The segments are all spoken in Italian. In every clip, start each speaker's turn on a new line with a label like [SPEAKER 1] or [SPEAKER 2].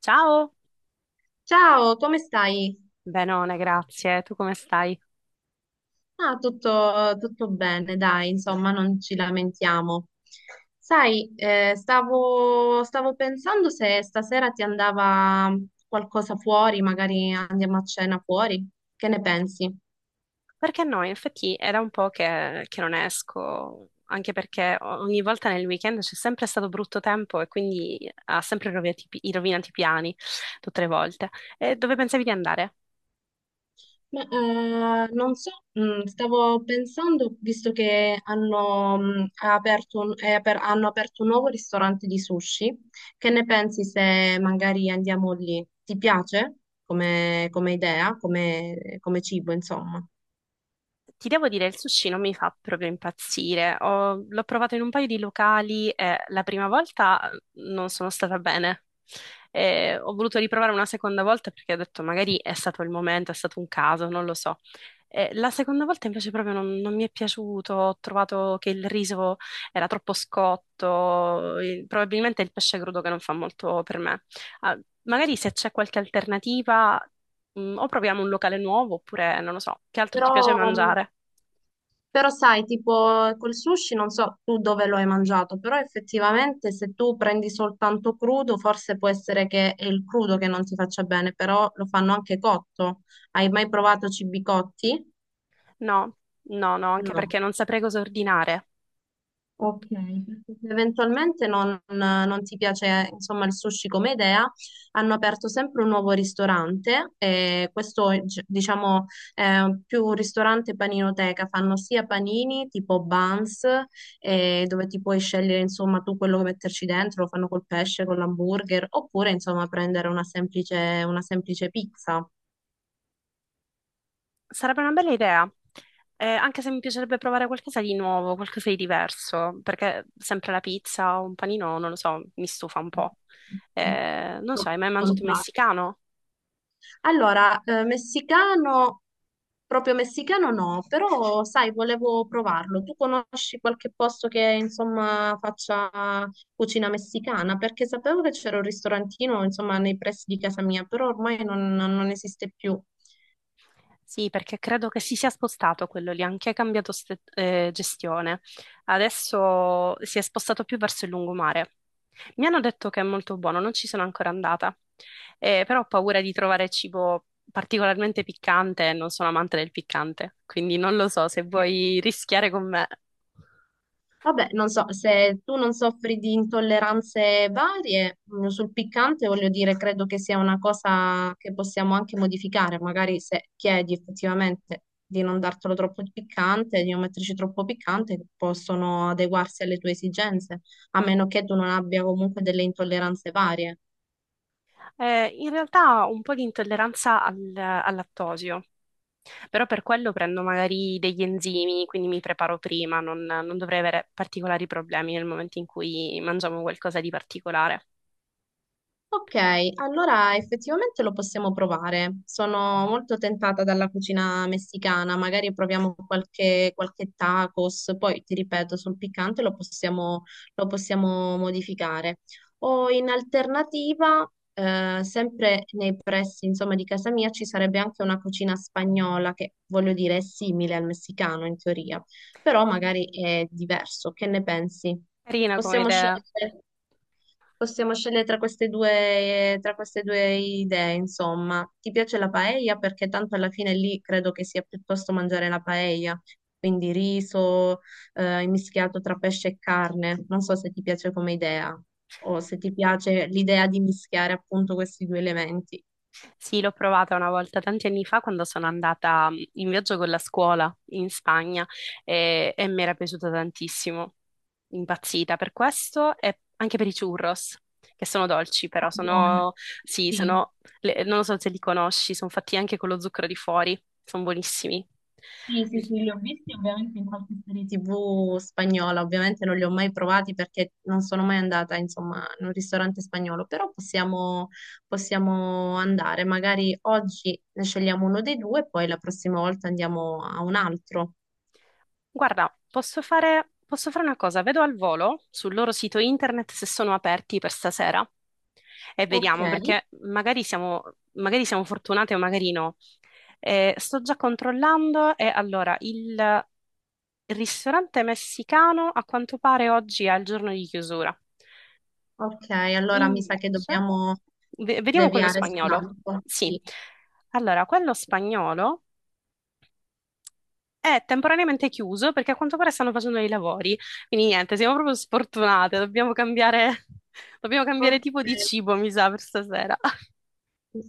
[SPEAKER 1] Ciao,
[SPEAKER 2] Ciao, come stai?
[SPEAKER 1] benone, grazie. Tu come stai?
[SPEAKER 2] Ah, tutto bene, dai, insomma, non ci lamentiamo. Sai, stavo pensando se stasera ti andava qualcosa fuori, magari andiamo a cena fuori. Che ne pensi?
[SPEAKER 1] Perché no, in effetti era un po' che non esco, anche perché ogni volta nel weekend c'è sempre stato brutto tempo e quindi ha sempre rovinati i rovinati i piani, tutte le volte. E dove pensavi di andare?
[SPEAKER 2] Ma, non so, stavo pensando, visto che hanno, mm, ha aperto un, è aper- hanno aperto un nuovo ristorante di sushi, che ne pensi se magari andiamo lì? Ti piace come idea, come cibo, insomma?
[SPEAKER 1] Ti devo dire, il sushi non mi fa proprio impazzire. L'ho provato in un paio di locali e la prima volta non sono stata bene. E ho voluto riprovare una seconda volta perché ho detto magari è stato il momento, è stato un caso, non lo so. E la seconda volta invece proprio non mi è piaciuto, ho trovato che il riso era troppo scotto, e probabilmente è il pesce crudo che non fa molto per me. Ah, magari se c'è qualche alternativa, o proviamo un locale nuovo, oppure non lo so, che altro ti
[SPEAKER 2] Però,
[SPEAKER 1] piace mangiare?
[SPEAKER 2] Però sai, tipo col sushi, non so tu dove lo hai mangiato, però effettivamente se tu prendi soltanto crudo, forse può essere che è il crudo che non ti faccia bene, però lo fanno anche cotto. Hai mai provato cibi cotti?
[SPEAKER 1] No, no, no, anche perché
[SPEAKER 2] No.
[SPEAKER 1] non saprei cosa ordinare.
[SPEAKER 2] Ok, perché se eventualmente non ti piace, insomma, il sushi come idea, hanno aperto sempre un nuovo ristorante, e questo è, diciamo è più un ristorante paninoteca, fanno sia panini tipo buns, dove ti puoi scegliere insomma tu quello che metterci dentro, lo fanno col pesce, con l'hamburger, oppure insomma prendere una semplice pizza.
[SPEAKER 1] Sarebbe una bella idea, anche se mi piacerebbe provare qualcosa di nuovo, qualcosa di diverso, perché sempre la pizza o un panino, non lo so, mi stufa un po'. Non so, hai mai mangiato messicano?
[SPEAKER 2] Allora, messicano, proprio messicano no, però sai, volevo provarlo. Tu conosci qualche posto che insomma faccia cucina messicana? Perché sapevo che c'era un ristorantino insomma nei pressi di casa mia, però ormai non esiste più.
[SPEAKER 1] Sì, perché credo che si sia spostato quello lì, anche cambiato gestione. Adesso si è spostato più verso il lungomare. Mi hanno detto che è molto buono, non ci sono ancora andata. Però ho paura di trovare cibo particolarmente piccante e non sono amante del piccante, quindi non lo so se vuoi rischiare con me.
[SPEAKER 2] Vabbè, non so, se tu non soffri di intolleranze varie sul piccante, voglio dire, credo che sia una cosa che possiamo anche modificare, magari se chiedi effettivamente di non dartelo troppo piccante, di non metterci troppo piccante, possono adeguarsi alle tue esigenze, a meno che tu non abbia comunque delle intolleranze varie.
[SPEAKER 1] In realtà ho un po' di intolleranza al lattosio, però per quello prendo magari degli enzimi, quindi mi preparo prima, non dovrei avere particolari problemi nel momento in cui mangiamo qualcosa di particolare.
[SPEAKER 2] Ok, allora effettivamente lo possiamo provare. Sono molto tentata dalla cucina messicana, magari proviamo qualche tacos, poi ti ripeto, sul piccante lo possiamo modificare. O in alternativa, sempre nei pressi, insomma, di casa mia ci sarebbe anche una cucina spagnola che, voglio dire, è simile al messicano in teoria, però magari è diverso. Che ne pensi?
[SPEAKER 1] Carina come
[SPEAKER 2] Possiamo
[SPEAKER 1] idea.
[SPEAKER 2] scegliere. Possiamo scegliere tra queste due idee, insomma. Ti piace la paella? Perché tanto alla fine lì credo che sia piuttosto mangiare la paella, quindi riso, mischiato tra pesce e carne. Non so se ti piace come idea o se ti piace l'idea di mischiare appunto questi due elementi.
[SPEAKER 1] Sì, l'ho provata una volta tanti anni fa quando sono andata in viaggio con la scuola in Spagna e mi era piaciuta tantissimo, impazzita per questo e anche per i churros, che sono dolci, però
[SPEAKER 2] Ah, buono,
[SPEAKER 1] sono, sì,
[SPEAKER 2] sì.
[SPEAKER 1] sono, non lo so se li conosci, sono fatti anche con lo zucchero di fuori, sono buonissimi.
[SPEAKER 2] Sì, sì, sì, li ho visti ovviamente in qualche serie TV spagnola, ovviamente non li ho mai provati perché non sono mai andata, insomma, in un ristorante spagnolo, però possiamo andare, magari oggi ne scegliamo uno dei due e poi la prossima volta andiamo a un altro.
[SPEAKER 1] Guarda, posso fare una cosa, vedo al volo sul loro sito internet se sono aperti per stasera. E
[SPEAKER 2] Ok,
[SPEAKER 1] vediamo, perché magari siamo fortunate o magari no. Sto già controllando e allora il ristorante messicano a quanto pare oggi è il giorno di chiusura.
[SPEAKER 2] ok, allora mi sa che
[SPEAKER 1] Invece,
[SPEAKER 2] dobbiamo
[SPEAKER 1] vediamo quello
[SPEAKER 2] deviare
[SPEAKER 1] spagnolo.
[SPEAKER 2] sull'altro.
[SPEAKER 1] Sì.
[SPEAKER 2] Sì.
[SPEAKER 1] Allora, quello spagnolo è temporaneamente chiuso perché a quanto pare stanno facendo dei lavori. Quindi niente, siamo proprio sfortunate, dobbiamo cambiare, dobbiamo cambiare
[SPEAKER 2] Ok.
[SPEAKER 1] tipo di cibo, mi sa, per stasera.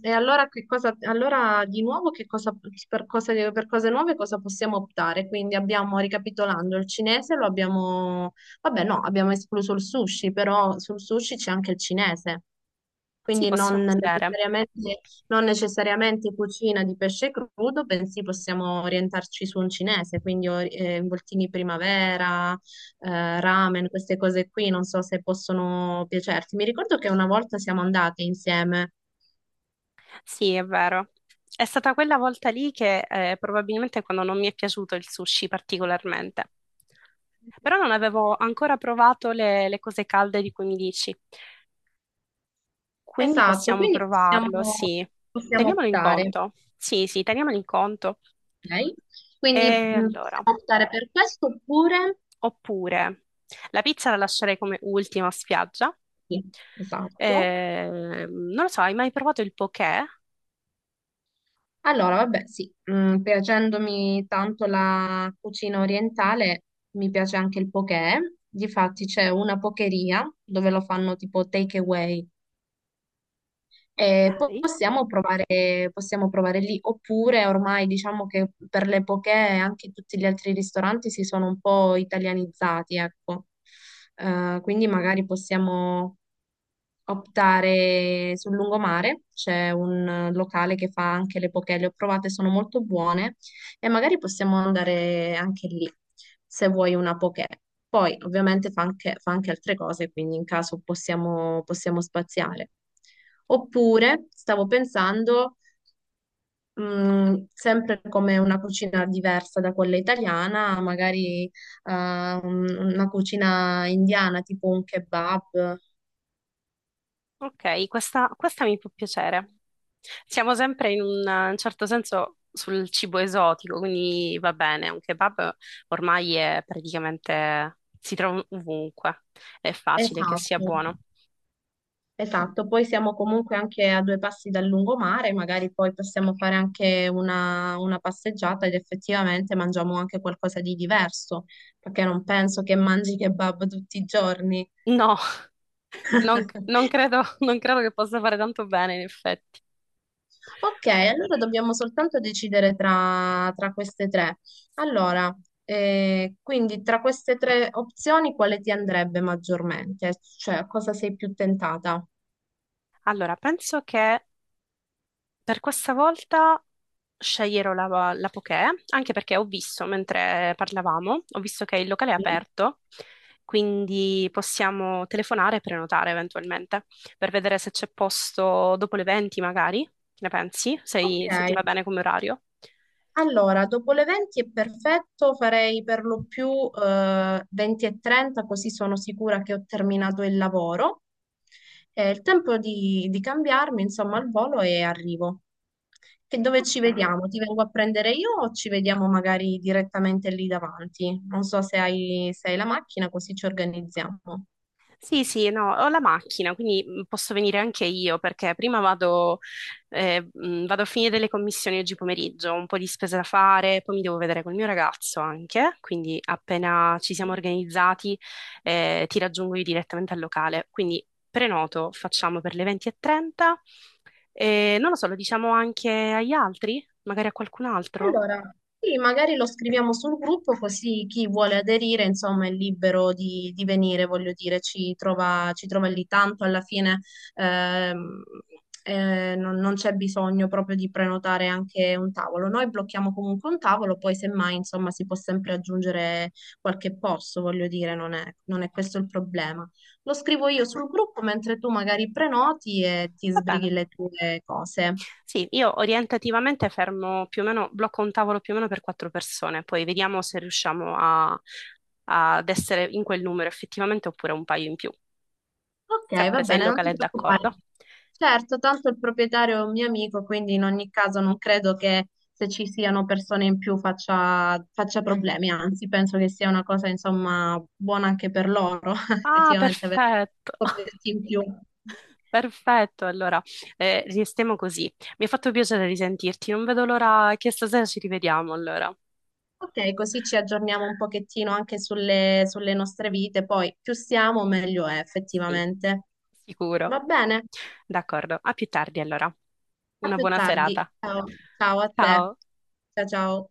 [SPEAKER 2] E allora, che cosa, allora di nuovo che cosa, per cose nuove cosa possiamo optare? Quindi abbiamo, ricapitolando, il cinese lo abbiamo, vabbè no, abbiamo escluso il sushi, però sul sushi c'è anche il cinese,
[SPEAKER 1] Sì,
[SPEAKER 2] quindi non
[SPEAKER 1] possiamo vedere.
[SPEAKER 2] necessariamente, non necessariamente cucina di pesce crudo, bensì possiamo orientarci su un cinese, quindi involtini primavera, ramen, queste cose qui, non so se possono piacerti. Mi ricordo che una volta siamo andate insieme.
[SPEAKER 1] Sì, è vero. È stata quella volta lì che probabilmente quando non mi è piaciuto il sushi particolarmente. Però non avevo ancora provato le cose calde di cui mi dici. Quindi
[SPEAKER 2] Esatto,
[SPEAKER 1] possiamo
[SPEAKER 2] quindi
[SPEAKER 1] provarlo,
[SPEAKER 2] possiamo,
[SPEAKER 1] sì.
[SPEAKER 2] possiamo
[SPEAKER 1] Teniamolo in
[SPEAKER 2] optare,
[SPEAKER 1] conto. Sì, sì, teniamolo in conto.
[SPEAKER 2] ok?
[SPEAKER 1] E
[SPEAKER 2] Quindi
[SPEAKER 1] allora,
[SPEAKER 2] possiamo optare per questo oppure...
[SPEAKER 1] oppure la pizza la lascerei come ultima spiaggia.
[SPEAKER 2] Sì, esatto.
[SPEAKER 1] Non lo so, hai mai provato il poké?
[SPEAKER 2] Allora, vabbè, sì, piacendomi tanto la cucina orientale, mi piace anche il poké. Difatti c'è una pokeria dove lo fanno tipo take away,
[SPEAKER 1] Ok.
[SPEAKER 2] possiamo provare lì, oppure ormai diciamo che per le poche anche tutti gli altri ristoranti si sono un po' italianizzati, ecco. Quindi magari optare sul lungomare, c'è un locale che fa anche le poke, le ho provate, sono molto buone e magari possiamo andare anche lì se vuoi una poke. Poi ovviamente fa anche altre cose, quindi in caso possiamo spaziare. Oppure stavo pensando, sempre come una cucina diversa da quella italiana, magari una cucina indiana, tipo un kebab.
[SPEAKER 1] Ok, questa mi può piacere. Siamo sempre in un certo senso sul cibo esotico, quindi va bene, un kebab ormai è praticamente si trova ovunque, è facile che sia
[SPEAKER 2] Esatto.
[SPEAKER 1] buono.
[SPEAKER 2] Esatto, poi siamo comunque anche a due passi dal lungomare, magari poi possiamo fare anche una passeggiata ed effettivamente mangiamo anche qualcosa di diverso, perché non penso che mangi kebab tutti i giorni.
[SPEAKER 1] No, non credo che possa fare tanto bene, in effetti.
[SPEAKER 2] Ok, allora dobbiamo soltanto decidere tra queste tre. Allora, quindi tra queste tre opzioni quale ti andrebbe maggiormente? Cioè, a cosa sei più tentata?
[SPEAKER 1] Allora, penso che per questa volta sceglierò la poké, anche perché ho visto, mentre parlavamo, ho visto che il locale è
[SPEAKER 2] Sì.
[SPEAKER 1] aperto, quindi possiamo telefonare e prenotare eventualmente, per vedere se c'è posto dopo le 20 magari. Che ne pensi?
[SPEAKER 2] Ok,
[SPEAKER 1] Se ti va bene come orario?
[SPEAKER 2] Allora, dopo le 20 è perfetto, farei per lo più 20 e 30, così sono sicura che ho terminato il lavoro. È il tempo di cambiarmi, insomma, al volo e arrivo. Che dove ci
[SPEAKER 1] Ok.
[SPEAKER 2] vediamo? Ti vengo a prendere io o ci vediamo magari direttamente lì davanti? Non so se hai, la macchina, così ci organizziamo.
[SPEAKER 1] Sì, sì, no, ho la macchina, quindi posso venire anche io perché prima vado, vado a finire le commissioni oggi pomeriggio, ho un po' di spese da fare, poi mi devo vedere col mio ragazzo anche, quindi appena ci siamo organizzati, ti raggiungo io direttamente al locale. Quindi prenoto, facciamo per le 20:30 e trenta e non lo so, lo diciamo anche agli altri, magari a qualcun altro.
[SPEAKER 2] Allora, sì, magari lo scriviamo sul gruppo così chi vuole aderire, insomma, è libero di venire, voglio dire, ci trova lì tanto, alla fine ehm, non c'è bisogno proprio di prenotare anche un tavolo. Noi blocchiamo comunque un tavolo, poi semmai, insomma, si può sempre aggiungere qualche posto, voglio dire, non è questo il problema. Lo scrivo io sul gruppo mentre tu magari prenoti e ti
[SPEAKER 1] Va
[SPEAKER 2] sbrighi
[SPEAKER 1] bene.
[SPEAKER 2] le tue cose.
[SPEAKER 1] Sì, io orientativamente fermo più o meno, blocco un tavolo più o meno per quattro persone, poi vediamo se riusciamo ad essere in quel numero effettivamente oppure un paio in più,
[SPEAKER 2] Ok, va
[SPEAKER 1] sempre se il
[SPEAKER 2] bene, non
[SPEAKER 1] locale
[SPEAKER 2] ti
[SPEAKER 1] è
[SPEAKER 2] preoccupare.
[SPEAKER 1] d'accordo.
[SPEAKER 2] Certo, tanto il proprietario è un mio amico, quindi in ogni caso non credo che se ci siano persone in più faccia problemi, anzi penso che sia una cosa insomma buona anche per loro,
[SPEAKER 1] Ah,
[SPEAKER 2] effettivamente avere
[SPEAKER 1] perfetto,
[SPEAKER 2] scoperti in più.
[SPEAKER 1] perfetto, allora, restiamo così. Mi ha fatto piacere risentirti, non vedo l'ora che stasera ci rivediamo allora.
[SPEAKER 2] Ok, così ci aggiorniamo un pochettino anche sulle nostre vite, poi più siamo meglio è
[SPEAKER 1] Sì,
[SPEAKER 2] effettivamente.
[SPEAKER 1] sicuro.
[SPEAKER 2] Va bene,
[SPEAKER 1] D'accordo, a più tardi allora.
[SPEAKER 2] a
[SPEAKER 1] Una
[SPEAKER 2] più
[SPEAKER 1] buona
[SPEAKER 2] tardi.
[SPEAKER 1] serata.
[SPEAKER 2] Ciao, ciao a te.
[SPEAKER 1] Ciao.
[SPEAKER 2] Ciao ciao.